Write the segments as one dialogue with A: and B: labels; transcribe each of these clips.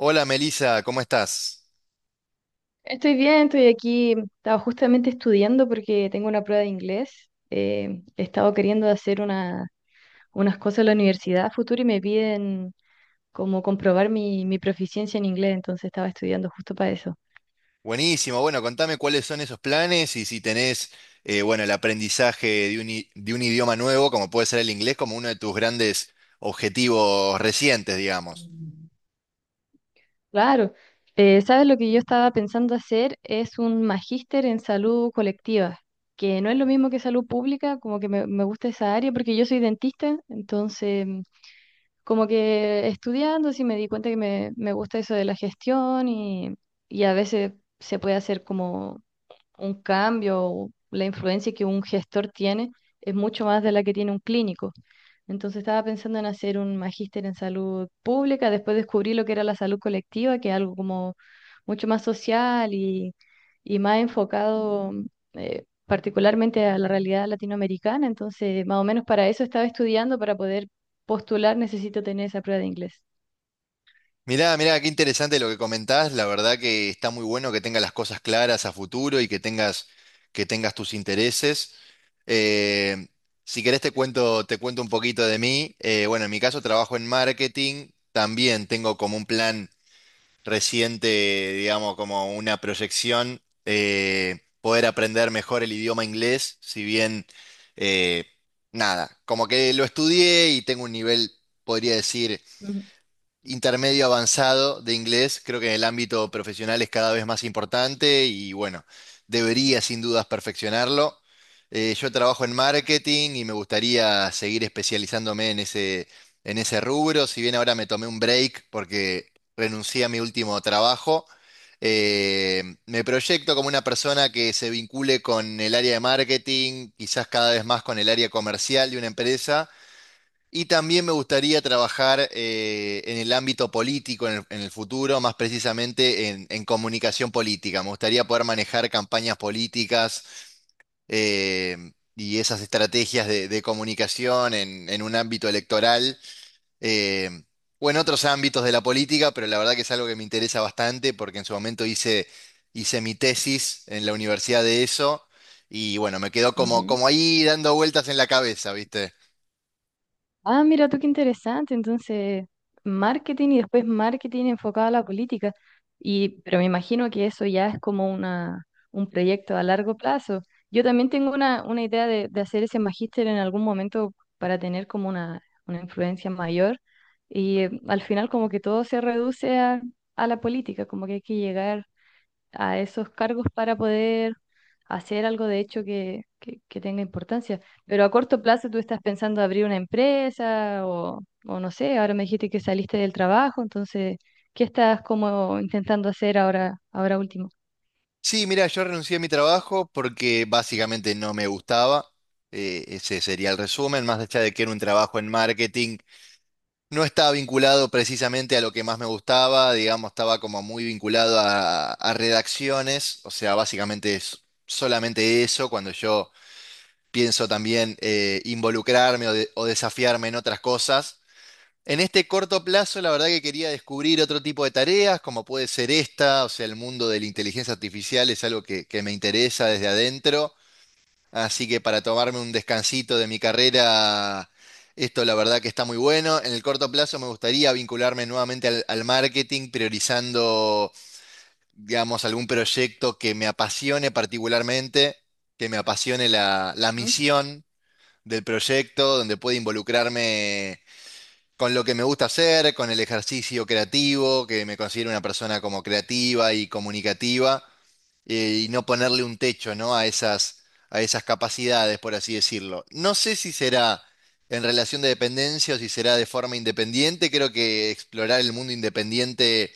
A: Hola Melissa, ¿cómo estás?
B: Estoy bien, estoy aquí. Estaba justamente estudiando porque tengo una prueba de inglés. He estado queriendo hacer unas cosas en la universidad a futuro y me piden como comprobar mi proficiencia en inglés, entonces estaba estudiando justo para eso.
A: Buenísimo, bueno, contame cuáles son esos planes y si tenés, bueno, el aprendizaje de de un idioma nuevo, como puede ser el inglés, como uno de tus grandes objetivos recientes, digamos.
B: Claro, ¿sabes lo que yo estaba pensando hacer? Es un magíster en salud colectiva, que no es lo mismo que salud pública, como que me gusta esa área porque yo soy dentista, entonces como que estudiando sí me di cuenta que me gusta eso de la gestión y a veces se puede hacer como un cambio, o la influencia que un gestor tiene es mucho más de la que tiene un clínico. Entonces estaba pensando en hacer un magíster en salud pública, después descubrí lo que era la salud colectiva, que es algo como mucho más social y más enfocado particularmente a la realidad latinoamericana. Entonces, más o menos para eso estaba estudiando, para poder postular necesito tener esa prueba de inglés.
A: Mirá, mirá, qué interesante lo que comentás, la verdad que está muy bueno que tengas las cosas claras a futuro y que tengas tus intereses. Eh, si querés te cuento un poquito de mí. Bueno, en mi caso trabajo en marketing, también tengo como un plan reciente, digamos, como una proyección, poder aprender mejor el idioma inglés, si bien, eh, nada, como que lo estudié y tengo un nivel, podría decir,
B: Ujú,
A: intermedio avanzado de inglés, creo que en el ámbito profesional es cada vez más importante y bueno, debería sin dudas perfeccionarlo. Yo trabajo en marketing y me gustaría seguir especializándome en ese rubro, si bien ahora me tomé un break porque renuncié a mi último trabajo. Me proyecto como una persona que se vincule con el área de marketing, quizás cada vez más con el área comercial de una empresa y también me gustaría trabajar en el ámbito político en el futuro, más precisamente en comunicación política. Me gustaría poder manejar campañas políticas eh, y esas estrategias de comunicación en un ámbito electoral eh, o en otros ámbitos de la política, pero la verdad que es algo que me interesa bastante porque en su momento hice, hice mi tesis en la universidad de eso y bueno, me quedó como,
B: ujú.
A: como ahí dando vueltas en la cabeza, ¿viste?
B: Ah, mira tú qué interesante. Entonces, marketing y después marketing enfocado a la política. Y, pero me imagino que eso ya es como una, un proyecto a largo plazo. Yo también tengo una idea de hacer ese magíster en algún momento para tener como una influencia mayor. Y al final como que todo se reduce a la política, como que hay que llegar a esos cargos para poder hacer algo de hecho que, que tenga importancia. Pero a corto plazo tú estás pensando abrir una empresa o no sé, ahora me dijiste que saliste del trabajo, entonces, ¿qué estás como intentando hacer ahora, ahora último?
A: Sí, mira, yo renuncié a mi trabajo porque básicamente no me gustaba. Ese sería el resumen, más allá de que era un trabajo en marketing, no estaba vinculado precisamente a lo que más me gustaba, digamos, estaba como muy vinculado a redacciones, o sea, básicamente es solamente eso, cuando yo pienso también involucrarme o desafiarme en otras cosas. En este corto plazo, la verdad que quería descubrir otro tipo de tareas, como puede ser esta, o sea, el mundo de la inteligencia artificial es algo que me interesa desde adentro, así que para tomarme un descansito de mi carrera, esto la verdad que está muy bueno. En el corto plazo me gustaría vincularme nuevamente al, al marketing, priorizando, digamos, algún proyecto que me apasione particularmente, que me apasione la, la
B: ¿Mm?
A: misión del proyecto, donde pueda involucrarme con lo que me gusta hacer, con el ejercicio creativo, que me considero una persona como creativa y comunicativa, y no ponerle un techo, ¿no? A esas capacidades, por así decirlo. No sé si será en relación de dependencia o si será de forma independiente. Creo que explorar el mundo independiente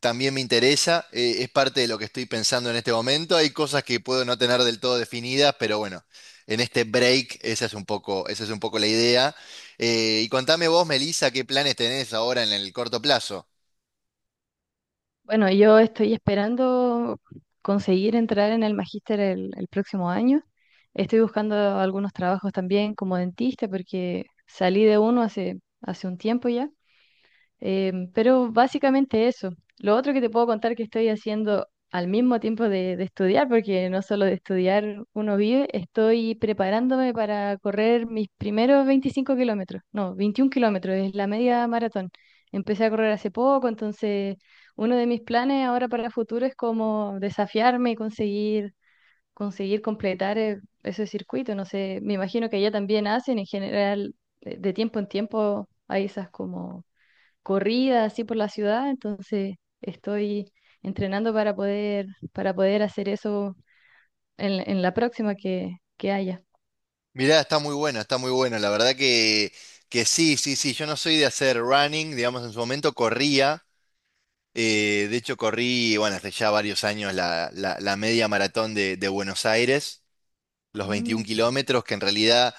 A: también me interesa, es parte de lo que estoy pensando en este momento. Hay cosas que puedo no tener del todo definidas, pero bueno, en este break esa es un poco, esa es un poco la idea. Y contame vos, Melissa, qué planes tenés ahora en el corto plazo.
B: Bueno, yo estoy esperando conseguir entrar en el magíster el próximo año. Estoy buscando algunos trabajos también como dentista porque salí de uno hace un tiempo ya. Pero básicamente eso. Lo otro que te puedo contar que estoy haciendo al mismo tiempo de estudiar, porque no solo de estudiar uno vive, estoy preparándome para correr mis primeros 25 kilómetros. No, 21 kilómetros, es la media maratón. Empecé a correr hace poco, entonces uno de mis planes ahora para el futuro es como desafiarme y conseguir, conseguir completar ese circuito. No sé, me imagino que allá también hacen en general, de tiempo en tiempo hay esas como corrida así por la ciudad, entonces estoy entrenando para poder hacer eso en la próxima que haya.
A: Mirá, está muy bueno, está muy bueno. La verdad que sí, sí, sí. Yo no soy de hacer running, digamos, en su momento corría. De hecho, corrí, bueno, hace ya varios años la media maratón de Buenos Aires los 21
B: Mm.
A: kilómetros, que en realidad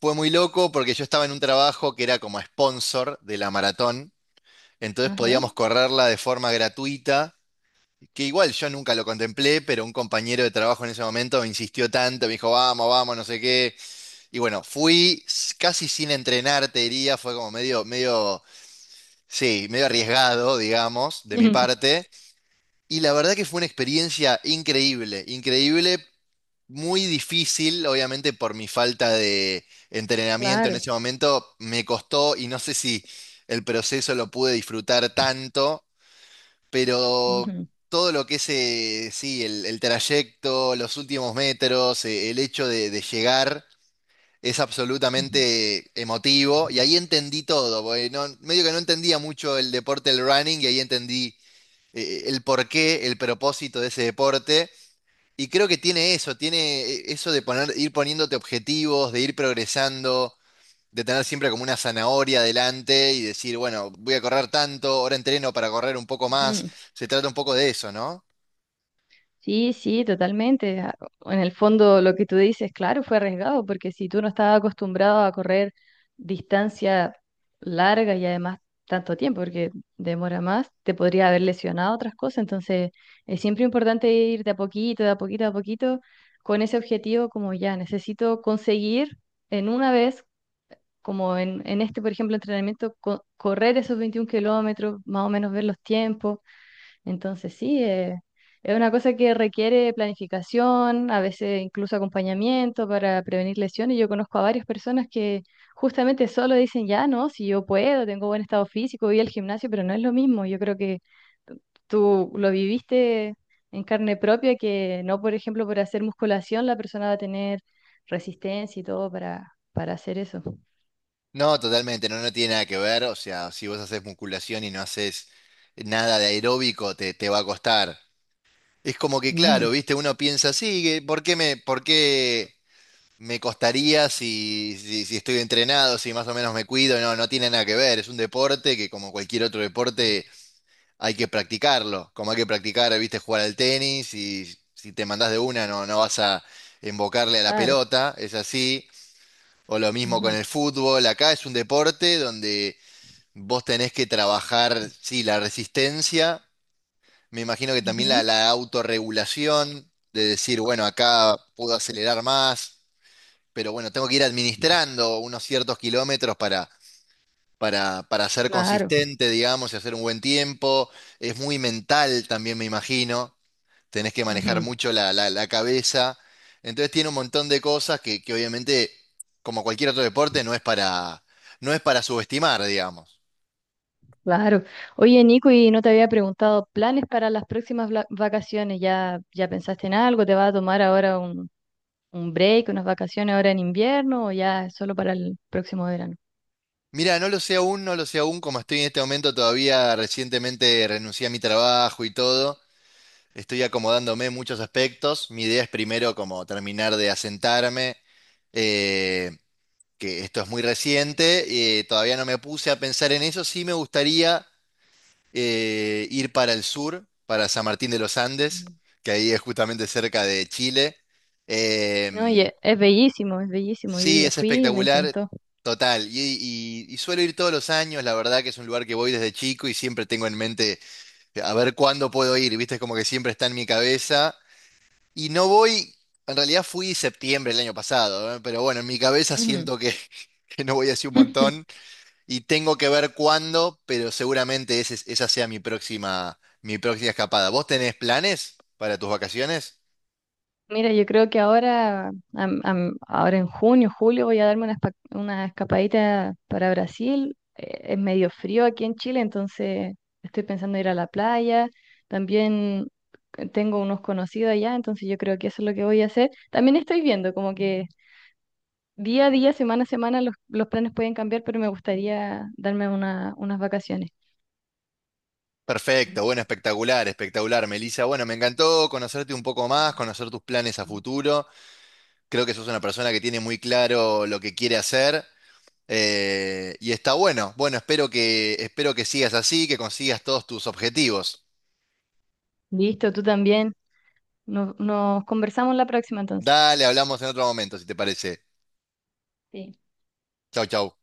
A: fue muy loco porque yo estaba en un trabajo que era como sponsor de la maratón, entonces
B: Ajá.
A: podíamos correrla de forma gratuita, que igual yo nunca lo contemplé, pero un compañero de trabajo en ese momento me insistió tanto, me dijo, vamos, vamos, no sé qué. Y bueno, casi sin entrenar, te diría, fue como medio, medio, sí, medio arriesgado, digamos, de mi parte, y la verdad que fue una experiencia increíble, increíble, muy difícil, obviamente por mi falta de entrenamiento en
B: Claro.
A: ese momento, me costó y no sé si el proceso lo pude disfrutar tanto, pero
B: Ujú,
A: todo lo que es, sí, el trayecto, los últimos metros, el hecho de llegar es
B: ujú,
A: absolutamente emotivo y ahí entendí todo, porque medio que no entendía mucho el deporte del running y ahí entendí el porqué, el propósito de ese deporte. Y creo que tiene eso de poner, ir poniéndote objetivos, de ir progresando, de tener siempre como una zanahoria adelante y decir, bueno, voy a correr tanto, ahora entreno para correr un poco más.
B: ujú.
A: Se trata un poco de eso, ¿no?
B: Sí, sí, totalmente. A- En el fondo, lo que tú dices, claro, fue arriesgado, porque si tú no estabas acostumbrado a correr distancia larga y además tanto tiempo, porque demora más, te podría haber lesionado otras cosas. Entonces, es siempre importante ir de a poquito, de a poquito, de a poquito, con ese objetivo como ya, necesito conseguir en una vez, como en este, por ejemplo, entrenamiento, correr esos 21 kilómetros, más o menos ver los tiempos, entonces sí, es una cosa que requiere planificación, a veces incluso acompañamiento para prevenir lesiones. Yo conozco a varias personas que justamente solo dicen, ya no, si yo puedo, tengo buen estado físico, voy al gimnasio, pero no es lo mismo. Yo creo que tú lo viviste en carne propia, que no, por ejemplo, por hacer musculación la persona va a tener resistencia y todo para hacer eso.
A: No, totalmente, no, no tiene nada que ver. O sea, si vos haces musculación y no haces nada de aeróbico, te va a costar. Es como que, claro,
B: Ujú.
A: viste, uno piensa, sí, ¿por qué me, por qué? Me costaría si estoy entrenado, si más o menos me cuido, no, no tiene nada que ver, es un deporte que como cualquier otro deporte hay que practicarlo, como hay que practicar, viste, jugar al tenis y si te mandás de una no, no vas a embocarle a la
B: Claro.
A: pelota, es así, o lo mismo con
B: Ujú,
A: el fútbol, acá es un deporte donde vos tenés que trabajar, sí, la resistencia, me imagino que también la,
B: ujú.
A: la autorregulación, de decir, bueno, acá puedo acelerar más pero bueno, tengo que ir administrando unos ciertos kilómetros para, para ser
B: Claro.
A: consistente, digamos, y hacer un buen tiempo. Es muy mental también, me imagino. Tenés que manejar
B: Ujú.
A: mucho la, la cabeza. Entonces tiene un montón de cosas que obviamente, como cualquier otro deporte, no es para, no es para subestimar, digamos.
B: Claro. Oye, Nico, y no te había preguntado, ¿planes para las próximas vacaciones? ¿Ya, ya pensaste en algo? ¿Te vas a tomar ahora un break, unas vacaciones ahora en invierno o ya es solo para el próximo verano?
A: Mira, no lo sé aún, no lo sé aún, como estoy en este momento todavía recientemente renuncié a mi trabajo y todo. Estoy acomodándome en muchos aspectos. Mi idea es primero como terminar de asentarme, eh, que esto es muy reciente. Todavía no me puse a pensar en eso. Sí me gustaría ir para el sur, para San Martín de los Andes,
B: Mm.
A: que ahí es justamente cerca de Chile.
B: No, y
A: Em,
B: es bellísimo, es bellísimo. Yo
A: sí,
B: ya
A: es
B: fui y me
A: espectacular,
B: encantó.
A: total. Y, y suelo ir todos los años. La verdad que es un lugar que voy desde chico y siempre tengo en mente a ver cuándo puedo ir. Viste, es como que siempre está en mi cabeza. Y no voy, en realidad fui septiembre el año pasado, ¿eh? Pero bueno, en mi cabeza
B: Ujú.
A: siento que, que no voy así un montón y tengo que ver cuándo, pero seguramente ese, esa sea mi próxima escapada. ¿Vos tenés planes para tus vacaciones?
B: Mira, yo creo que ahora, ahora en junio, julio, voy a darme una, una escapadita para Brasil. Es medio frío aquí en Chile, entonces estoy pensando ir a la playa. También tengo unos conocidos allá, entonces yo creo que eso es lo que voy a hacer. También estoy viendo como que día a día, semana a semana, los planes pueden cambiar, pero me gustaría darme unas vacaciones.
A: Perfecto, bueno, espectacular, espectacular, Melissa. Bueno, me encantó conocerte un poco más, conocer tus planes a futuro. Creo que sos una persona que tiene muy claro lo que quiere hacer. Y está bueno. Bueno, espero que sigas así, que consigas todos tus objetivos.
B: Listo, tú también. Nos conversamos la próxima entonces.
A: Dale, hablamos en otro momento, si te parece.
B: Sí.
A: Chau, chau.